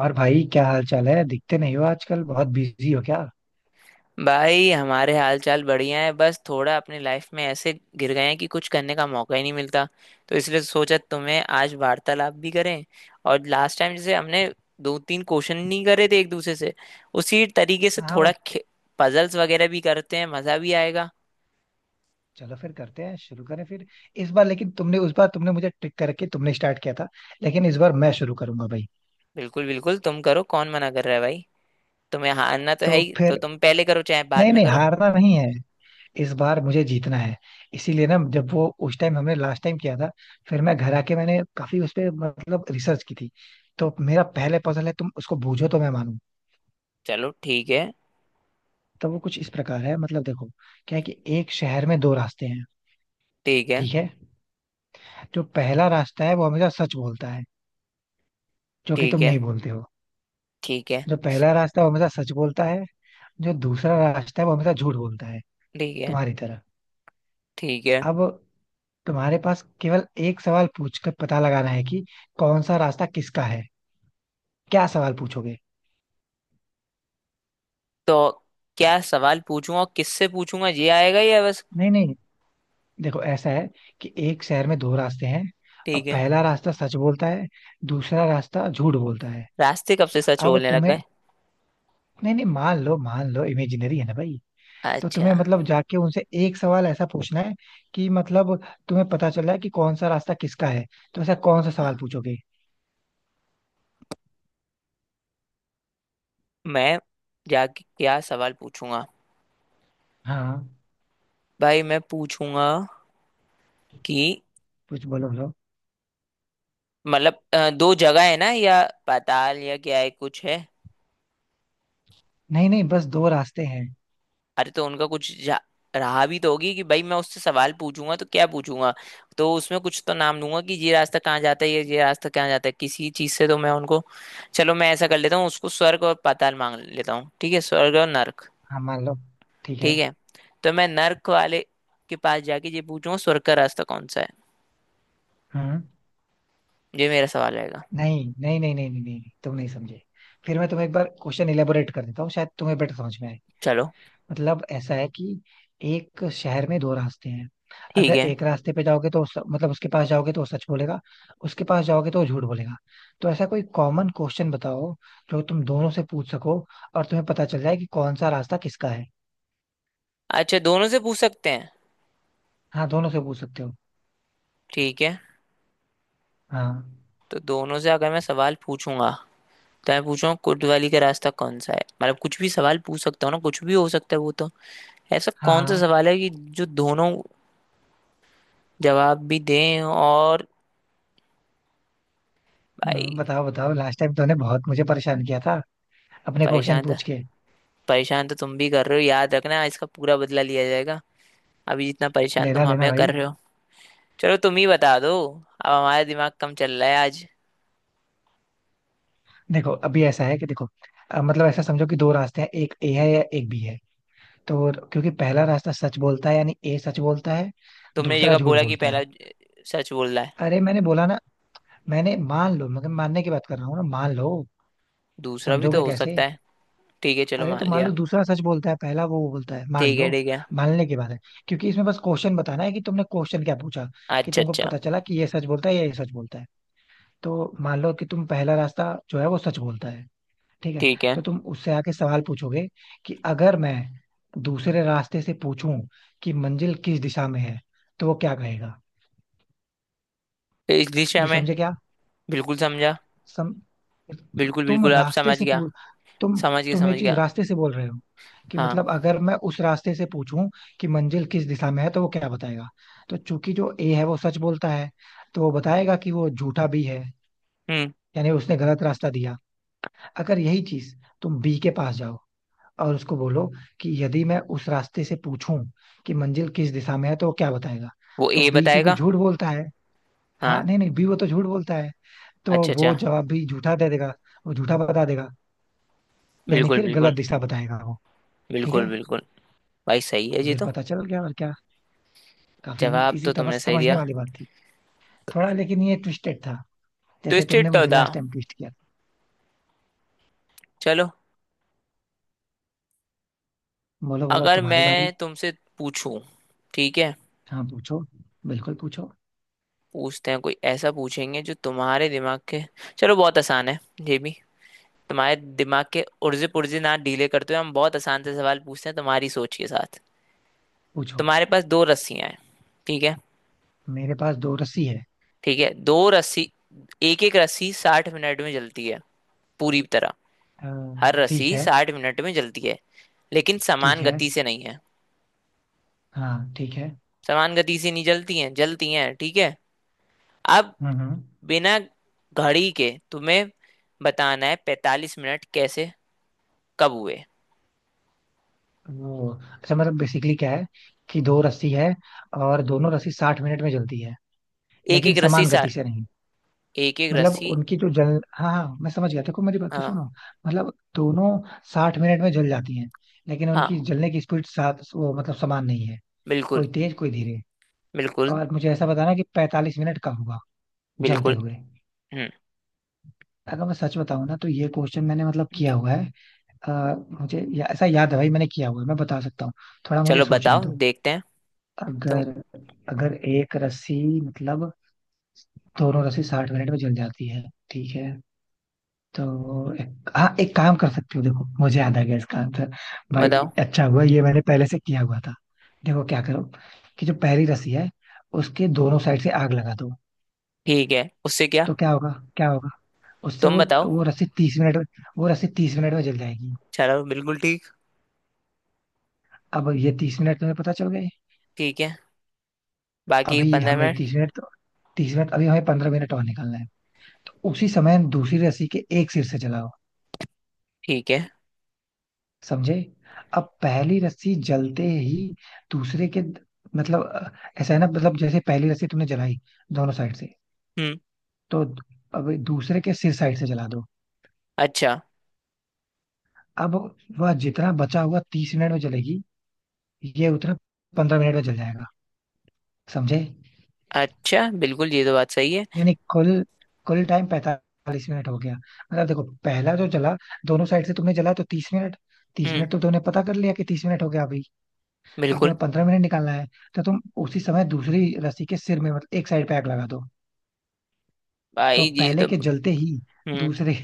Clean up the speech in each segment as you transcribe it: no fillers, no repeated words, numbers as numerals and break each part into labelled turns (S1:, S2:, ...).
S1: और भाई क्या हाल चाल है? दिखते नहीं हो आजकल, बहुत बिजी हो क्या?
S2: भाई हमारे हाल चाल बढ़िया है। बस थोड़ा अपनी लाइफ में ऐसे गिर गए हैं कि कुछ करने का मौका ही नहीं मिलता। तो इसलिए सोचा तुम्हें आज वार्तालाप भी करें। और लास्ट टाइम जैसे हमने दो तीन क्वेश्चन नहीं करे थे एक दूसरे से, उसी तरीके से
S1: हाँ
S2: थोड़ा
S1: वो,
S2: पजल्स वगैरह भी करते हैं, मजा भी आएगा।
S1: चलो फिर करते हैं, शुरू करें फिर। इस बार लेकिन तुमने, उस बार तुमने मुझे ट्रिक करके तुमने स्टार्ट किया था, लेकिन इस बार मैं शुरू करूंगा भाई।
S2: बिल्कुल बिल्कुल, तुम करो, कौन मना कर रहा है भाई। तुम्हें हारना तो है
S1: तो
S2: ही, तो
S1: फिर,
S2: तुम पहले करो चाहे बाद
S1: नहीं
S2: में
S1: नहीं,
S2: करो।
S1: हारना नहीं है, इस बार मुझे जीतना है। इसीलिए ना, जब वो उस टाइम हमने लास्ट टाइम किया था, फिर मैं घर आके मैंने काफी उस पे मतलब रिसर्च की थी। तो मेरा पहले पजल है, तुम उसको बूझो तो मैं मानूं।
S2: चलो ठीक है।
S1: तो वो कुछ इस प्रकार है, मतलब देखो, क्या है कि एक शहर में दो रास्ते हैं।
S2: ठीक है।
S1: ठीक है। जो पहला रास्ता है वो हमेशा सच बोलता है, जो कि
S2: ठीक
S1: तुम
S2: है।
S1: नहीं बोलते हो।
S2: ठीक है।
S1: जो पहला रास्ता है वो हमेशा सच बोलता है, जो दूसरा रास्ता है वो हमेशा झूठ बोलता है,
S2: ठीक है।
S1: तुम्हारी तरह।
S2: ठीक है।
S1: अब तुम्हारे पास केवल एक सवाल पूछकर पता लगाना है कि कौन सा रास्ता किसका है। क्या सवाल पूछोगे?
S2: तो क्या सवाल पूछूंगा और किससे पूछूंगा ये आएगा या बस?
S1: नहीं नहीं, देखो ऐसा है कि एक शहर में दो रास्ते हैं।
S2: ठीक
S1: अब
S2: है।
S1: पहला रास्ता सच बोलता है, दूसरा रास्ता झूठ बोलता है।
S2: रास्ते कब से सच
S1: अब
S2: बोलने लग
S1: तुम्हें,
S2: गए?
S1: नहीं नहीं, मान लो मान लो, इमेजिनरी है ना भाई। तो
S2: अच्छा।
S1: तुम्हें मतलब जाके उनसे एक सवाल ऐसा पूछना है कि मतलब, तुम्हें पता चला है कि कौन सा रास्ता किसका है। तो ऐसा कौन सा सवाल पूछोगे?
S2: मैं जाके क्या सवाल पूछूंगा?
S1: हाँ,
S2: भाई मैं पूछूंगा कि...
S1: कुछ बोलो बोलो।
S2: दो जगह है ना, या पाताल या क्या है, कुछ है?
S1: नहीं नहीं, बस दो रास्ते हैं।
S2: अरे तो उनका कुछ रहा भी तो होगी कि भाई मैं उससे सवाल पूछूंगा तो क्या पूछूंगा। तो उसमें कुछ तो नाम लूंगा कि ये रास्ता कहाँ जाता है या ये रास्ता कहाँ जाता है, किसी चीज से तो मैं उनको... चलो मैं ऐसा कर लेता हूँ, उसको स्वर्ग और पाताल मांग लेता हूँ। ठीक है, स्वर्ग और नर्क।
S1: हाँ मान लो। ठीक है।
S2: ठीक है। तो मैं नर्क वाले के पास जाके ये पूछूंगा, स्वर्ग का रास्ता कौन सा है।
S1: हम्म।
S2: ये मेरा सवाल रहेगा।
S1: नहीं नहीं नहीं नहीं नहीं नहीं, नहीं, तुम नहीं समझे। फिर मैं तुम्हें एक बार क्वेश्चन इलेबोरेट कर देता हूँ, शायद तुम्हें बेटर समझ में आए।
S2: चलो
S1: मतलब ऐसा है कि एक शहर में दो रास्ते हैं।
S2: ठीक
S1: अगर
S2: है।
S1: एक रास्ते पे जाओगे तो मतलब उसके पास जाओगे तो वो सच बोलेगा, उसके पास जाओगे तो वो झूठ बोलेगा। तो ऐसा कोई कॉमन क्वेश्चन बताओ जो तुम दोनों से पूछ सको और तुम्हें पता चल जाए कि कौन सा रास्ता किसका है।
S2: अच्छा, दोनों से पूछ सकते हैं?
S1: हाँ, दोनों से पूछ सकते हो।
S2: ठीक है।
S1: हाँ
S2: तो दोनों से अगर मैं सवाल पूछूंगा तो मैं पूछूंगा कोतवाली का रास्ता कौन सा है। मतलब कुछ भी सवाल पूछ सकता हूँ ना, कुछ भी हो सकता है वो तो। ऐसा
S1: हाँ
S2: कौन सा
S1: हाँ।
S2: सवाल है कि जो दोनों जवाब भी दें और... भाई...
S1: बताओ बताओ, लास्ट टाइम तुमने बहुत मुझे परेशान किया था, अपने क्वेश्चन
S2: परेशान तो
S1: पूछ के।
S2: परेशान तो तुम भी कर रहे हो, याद रखना इसका पूरा बदला लिया जाएगा, अभी जितना परेशान
S1: लेना
S2: तुम
S1: लेना
S2: हमें
S1: भाई।
S2: कर रहे हो। चलो तुम ही बता दो, अब हमारा दिमाग कम चल रहा है आज।
S1: देखो अभी ऐसा है कि देखो, मतलब ऐसा समझो कि दो रास्ते हैं, एक ए है या एक बी है। तो क्योंकि पहला रास्ता सच बोलता है, यानी ए सच बोलता है,
S2: तुमने
S1: दूसरा
S2: जगह
S1: झूठ
S2: बोला कि
S1: बोलता
S2: पहला
S1: है।
S2: सच बोल रहा है,
S1: अरे मैंने बोला ना, मैंने मान लो, मगर मानने की बात कर रहा हूँ ना, मान लो।
S2: दूसरा भी तो
S1: समझोगे
S2: हो सकता
S1: कैसे?
S2: है। ठीक है चलो
S1: अरे
S2: मान
S1: तो मान लो
S2: लिया।
S1: दूसरा सच बोलता है, पहला वो बोलता है, मान
S2: ठीक है।
S1: लो।
S2: ठीक है।
S1: मानने की बात है। क्योंकि इसमें बस क्वेश्चन बताना है कि तुमने क्वेश्चन क्या पूछा कि
S2: अच्छा
S1: तुमको
S2: अच्छा।
S1: पता चला कि ये सच बोलता है या ये सच बोलता है। तो मान लो कि तुम पहला रास्ता जो है वो सच बोलता है। ठीक है।
S2: ठीक है।
S1: तो तुम उससे आके सवाल पूछोगे कि अगर मैं दूसरे रास्ते से पूछूं कि मंजिल किस दिशा में है तो वो क्या कहेगा?
S2: तो इस दिशा
S1: भी
S2: में।
S1: समझे क्या?
S2: बिल्कुल समझा।
S1: सम
S2: बिल्कुल
S1: तुम
S2: बिल्कुल, आप
S1: रास्ते
S2: समझ
S1: से
S2: गया।
S1: पू तुम
S2: समझ गया,
S1: तुम ये
S2: समझ
S1: चीज
S2: गया।
S1: रास्ते से बोल रहे हो कि
S2: हाँ।
S1: मतलब अगर मैं उस रास्ते से पूछूं कि मंजिल किस दिशा में है तो वो क्या बताएगा। तो चूंकि जो ए है वो सच बोलता है, तो वो बताएगा कि वो झूठा भी है।
S2: हम्म।
S1: यानी उसने गलत रास्ता दिया। अगर यही चीज तुम बी के पास जाओ और उसको बोलो कि यदि मैं उस रास्ते से पूछूं कि मंजिल किस दिशा में है तो वो क्या बताएगा।
S2: वो
S1: तो
S2: ए
S1: बी क्योंकि
S2: बताएगा।
S1: झूठ बोलता है, हाँ
S2: हाँ।
S1: नहीं नहीं, बी वो तो झूठ बोलता है, तो
S2: अच्छा अच्छा।
S1: वो जवाब भी झूठा दे देगा, वो झूठा बता देगा। यानी
S2: बिल्कुल
S1: फिर
S2: बिल्कुल।
S1: गलत दिशा बताएगा वो। ठीक
S2: बिल्कुल
S1: है।
S2: बिल्कुल। भाई सही है
S1: तो
S2: जी।
S1: फिर
S2: तो
S1: पता चल गया और क्या। काफी
S2: जवाब
S1: इजी
S2: तो
S1: था,
S2: तुमने
S1: बस
S2: सही
S1: समझने
S2: दिया।
S1: वाली बात थी थोड़ा, लेकिन ये ट्विस्टेड था, जैसे तुमने
S2: ट्विस्टेड तो
S1: मुझे
S2: था।
S1: लास्ट टाइम ट्विस्ट किया
S2: चलो।
S1: था। बोलो बोलो,
S2: अगर
S1: तुम्हारी बारी।
S2: मैं तुमसे पूछूं... ठीक है।
S1: हाँ पूछो, बिल्कुल पूछो।
S2: पूछते हैं, कोई ऐसा पूछेंगे जो तुम्हारे दिमाग के... चलो बहुत आसान है ये भी। तुम्हारे दिमाग के उर्जे पुर्जे ना ढीले करते हुए हम बहुत आसान से सवाल पूछते हैं तुम्हारी सोच के साथ।
S1: पूछो।
S2: तुम्हारे पास दो रस्सियां हैं। ठीक है।
S1: मेरे पास दो रस्सी है।
S2: ठीक है, दो रस्सी। एक एक रस्सी 60 मिनट में जलती है पूरी तरह।
S1: अ,
S2: हर
S1: ठीक
S2: रस्सी
S1: है।
S2: 60 मिनट में जलती है, लेकिन
S1: ठीक
S2: समान
S1: है।
S2: गति से नहीं है।
S1: हाँ ठीक है।
S2: समान गति से नहीं जलती हैं, जलती हैं ठीक है। अब
S1: हम्म।
S2: बिना घड़ी के तुम्हें बताना है 45 मिनट कैसे... कब हुए?
S1: वो अच्छा, मतलब बेसिकली क्या है कि दो रस्सी है और दोनों रस्सी साठ मिनट में जलती है
S2: एक
S1: लेकिन
S2: एक रस्सी
S1: समान गति
S2: सार
S1: से नहीं।
S2: एक एक
S1: मतलब
S2: रस्सी...
S1: उनकी जो जल, हाँ हाँ मैं समझ गया, देखो मेरी बात तो
S2: हाँ
S1: सुनो। मतलब दोनों साठ मिनट में जल जाती हैं, लेकिन उनकी
S2: हाँ।
S1: जलने की स्पीड साथ वो मतलब समान नहीं है,
S2: बिल्कुल।
S1: कोई तेज कोई धीरे।
S2: बिल्कुल।
S1: और मुझे ऐसा बताना कि पैंतालीस मिनट कब हुआ, जलते
S2: बिल्कुल।
S1: हुए।
S2: हम्म।
S1: अगर मैं सच बताऊं ना, तो ये क्वेश्चन मैंने मतलब किया हुआ है। अ, मुझे ऐसा याद है भाई, मैंने किया हुआ है, मैं बता सकता हूँ। थोड़ा मुझे
S2: चलो
S1: सोचने
S2: बताओ
S1: दो।
S2: देखते हैं। तुम
S1: अगर, एक रस्सी मतलब, दोनों रस्सी साठ मिनट में जल जाती है ठीक है। तो हाँ एक काम कर सकती हो, देखो मुझे याद आ गया इसका आंसर भाई।
S2: बताओ।
S1: अच्छा हुआ ये मैंने पहले से किया हुआ था। देखो क्या करो कि जो पहली रस्सी है उसके दोनों साइड से आग लगा दो।
S2: ठीक है उससे क्या?
S1: तो क्या होगा? क्या होगा? उससे
S2: तुम
S1: वो
S2: बताओ।
S1: वो रस्सी तीस मिनट में, वो रस्सी तीस मिनट में जल जाएगी।
S2: चलो बिल्कुल ठीक।
S1: अब ये तीस मिनट तुम्हें पता चल गए।
S2: ठीक है। बाकी
S1: अभी
S2: पंद्रह
S1: हमें
S2: मिनट
S1: तीस मिनट, तीस मिनट, अभी हमें पंद्रह मिनट और निकालना है। तो उसी समय दूसरी रस्सी के एक सिर से जलाओ।
S2: ठीक है।
S1: समझे? अब पहली रस्सी जलते ही दूसरे के मतलब, ऐसा है ना, मतलब जैसे पहली रस्सी तुमने जलाई दोनों साइड से,
S2: हम्म।
S1: तो अब दूसरे के सिर साइड से जला दो।
S2: अच्छा
S1: अब वह जितना बचा हुआ तीस मिनट में जलेगी, ये उतना पंद्रह मिनट में जल जाएगा। समझे?
S2: अच्छा, बिल्कुल ये तो बात सही है।
S1: यानी कुल, कुल टाइम पैंतालीस मिनट हो गया। मतलब देखो, पहला जो जला दोनों साइड से तुमने जला, तो तीस मिनट, तीस
S2: हम्म।
S1: मिनट तो तुमने पता कर लिया कि तीस मिनट हो गया अभी। अब
S2: बिल्कुल।
S1: तुम्हें पंद्रह मिनट निकालना है, तो तुम उसी समय दूसरी रस्सी के सिर में मतलब एक साइड पे आग लगा दो। तो
S2: भाई ये
S1: पहले
S2: तो...
S1: के जलते ही
S2: हम्म।
S1: दूसरे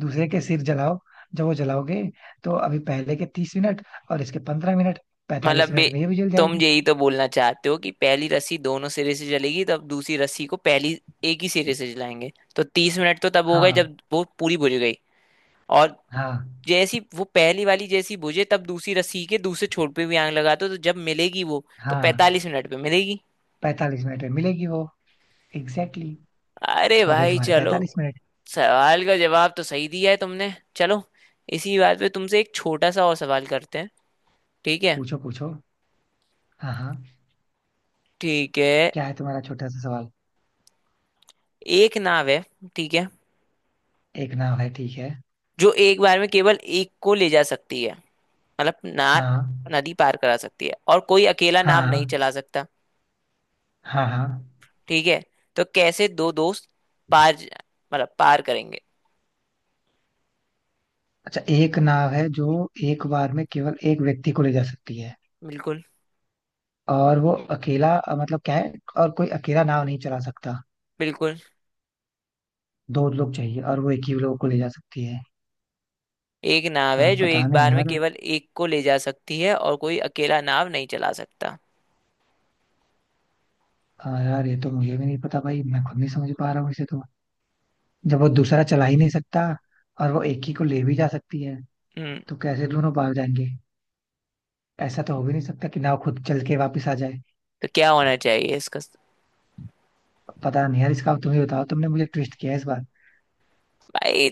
S1: दूसरे के सिर जलाओ। जब वो जलाओगे तो अभी पहले के तीस मिनट और इसके पंद्रह मिनट,
S2: मतलब
S1: पैंतालीस
S2: बे
S1: मिनट में ये भी जल
S2: तुम
S1: जाएगी।
S2: यही तो बोलना चाहते हो कि पहली रस्सी दोनों सिरे से चलेगी, तब दूसरी रस्सी को पहली एक ही सिरे से चलाएंगे, तो 30 मिनट तो तब हो गए
S1: हाँ
S2: जब वो पूरी बुझ गई। और
S1: हाँ
S2: जैसी वो पहली वाली जैसी बुझे, तब दूसरी रस्सी के दूसरे छोर पे भी आग लगा दो, तो जब मिलेगी वो तो
S1: हाँ।
S2: 45 मिनट पे मिलेगी।
S1: पैंतालीस मिनट में मिलेगी वो। Exactly exactly।
S2: अरे
S1: हो गए
S2: भाई
S1: तुम्हारे
S2: चलो,
S1: पैंतालीस मिनट।
S2: सवाल का जवाब तो सही दिया है तुमने। चलो इसी बात पे तुमसे एक छोटा सा और सवाल करते हैं। ठीक है।
S1: पूछो पूछो। हाँ हाँ।
S2: ठीक है।
S1: क्या है तुम्हारा छोटा सा सवाल?
S2: एक नाव है। ठीक है,
S1: एक नाव है, ठीक है।
S2: जो एक बार में केवल एक को ले जा सकती है। मतलब नाव
S1: हाँ
S2: नदी पार करा सकती है, और कोई अकेला नाव नहीं
S1: हाँ
S2: चला सकता।
S1: हाँ हाँ हाँ।
S2: ठीक है। तो कैसे दो दोस्त पार मतलब पार करेंगे?
S1: अच्छा, एक नाव है जो एक बार में केवल एक व्यक्ति को ले जा सकती है,
S2: बिल्कुल
S1: और वो अकेला मतलब क्या है, और कोई अकेला नाव नहीं चला सकता।
S2: बिल्कुल।
S1: दो लोग चाहिए और वो एक ही लोग को ले जा सकती है।
S2: एक नाव है जो
S1: पता
S2: एक
S1: नहीं
S2: बार में
S1: यार।
S2: केवल एक को ले जा सकती है, और कोई अकेला नाव नहीं चला सकता।
S1: यार ये तो मुझे भी नहीं पता भाई, मैं खुद नहीं समझ पा रहा हूँ इसे तो। जब वो दूसरा चला ही नहीं सकता और वो एक ही को ले भी जा सकती है,
S2: हम्म।
S1: तो कैसे दोनों पार जाएंगे? ऐसा तो हो भी नहीं सकता कि नाव खुद चल के वापस आ जाए।
S2: तो क्या होना चाहिए इसका?
S1: पता नहीं यार, इसका तुम ही बताओ, तुमने मुझे ट्विस्ट किया है इस बार।
S2: भाई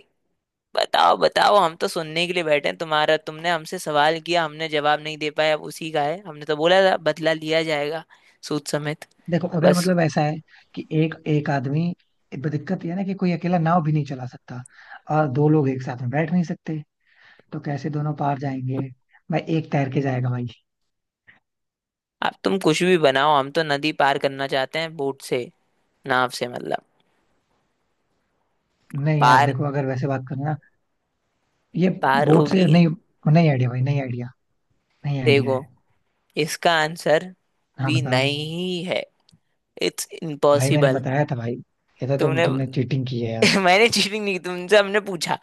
S2: बताओ बताओ। हम तो सुनने के लिए बैठे हैं तुम्हारा। तुमने हमसे सवाल किया, हमने जवाब नहीं दे पाया, अब उसी का है। हमने तो बोला था बदला लिया जाएगा, सूद समेत।
S1: देखो अगर
S2: बस।
S1: मतलब ऐसा है कि एक एक आदमी, दिक्कत यह है ना कि कोई अकेला नाव भी नहीं चला सकता और दो लोग एक साथ में बैठ नहीं सकते, तो कैसे दोनों पार जाएंगे? भाई एक तैर के जाएगा भाई।
S2: अब तुम कुछ भी बनाओ, हम तो नदी पार करना चाहते हैं बोट से, नाव से मतलब।
S1: नहीं यार,
S2: पार
S1: देखो अगर वैसे बात करें ना, ये
S2: पार
S1: बोट से
S2: होगी।
S1: नहीं, नहीं आइडिया भाई, नहीं आइडिया, नहीं आइडिया
S2: देखो
S1: है।
S2: इसका आंसर
S1: हाँ
S2: भी
S1: बताओ।
S2: नहीं है, इट्स
S1: भाई मैंने
S2: इम्पॉसिबल।
S1: बताया था भाई, ये तो
S2: तुमने...
S1: तुमने चीटिंग की है यार।
S2: मैंने चीटिंग नहीं की। तुमसे हमने पूछा,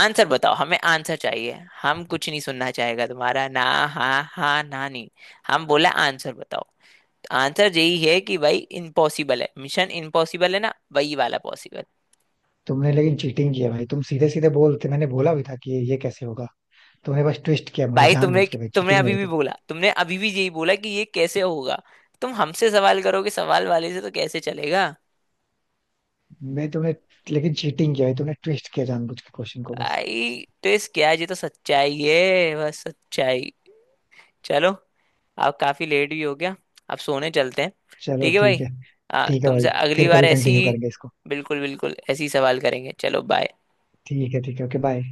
S2: आंसर बताओ, हमें आंसर चाहिए। हम कुछ नहीं सुनना चाहेगा तुम्हारा, ना हाँ हाँ ना नहीं। हम बोला आंसर बताओ। आंसर यही है कि भाई इम्पॉसिबल है, मिशन इम्पॉसिबल है ना वही वाला, पॉसिबल।
S1: तुमने लेकिन चीटिंग की है भाई, तुम सीधे सीधे बोलते, मैंने बोला भी था कि ये कैसे होगा। तुमने बस ट्विस्ट किया मुझे
S2: भाई तुमने
S1: जानबूझ के, भाई
S2: तुमने
S1: चीटिंग
S2: अभी
S1: है।
S2: भी बोला, तुमने अभी भी यही बोला कि ये कैसे होगा। तुम हमसे सवाल करोगे, सवाल वाले से तो कैसे चलेगा?
S1: मैं तुमने लेकिन चीटिंग किया है, तुमने ट्विस्ट किया जानबूझ के क्वेश्चन को बस।
S2: आई तो इस क्या है? ये तो सच्चाई है, बस सच्चाई। चलो आप काफी लेट भी हो गया, आप सोने चलते हैं।
S1: चलो
S2: ठीक है
S1: ठीक
S2: भाई।
S1: है। ठीक है
S2: तुमसे
S1: भाई,
S2: अगली
S1: फिर
S2: बार
S1: कभी
S2: ऐसी...
S1: कंटिन्यू करेंगे इसको।
S2: बिल्कुल बिल्कुल ऐसी सवाल करेंगे। चलो बाय।
S1: ठीक है ठीक है, ओके बाय।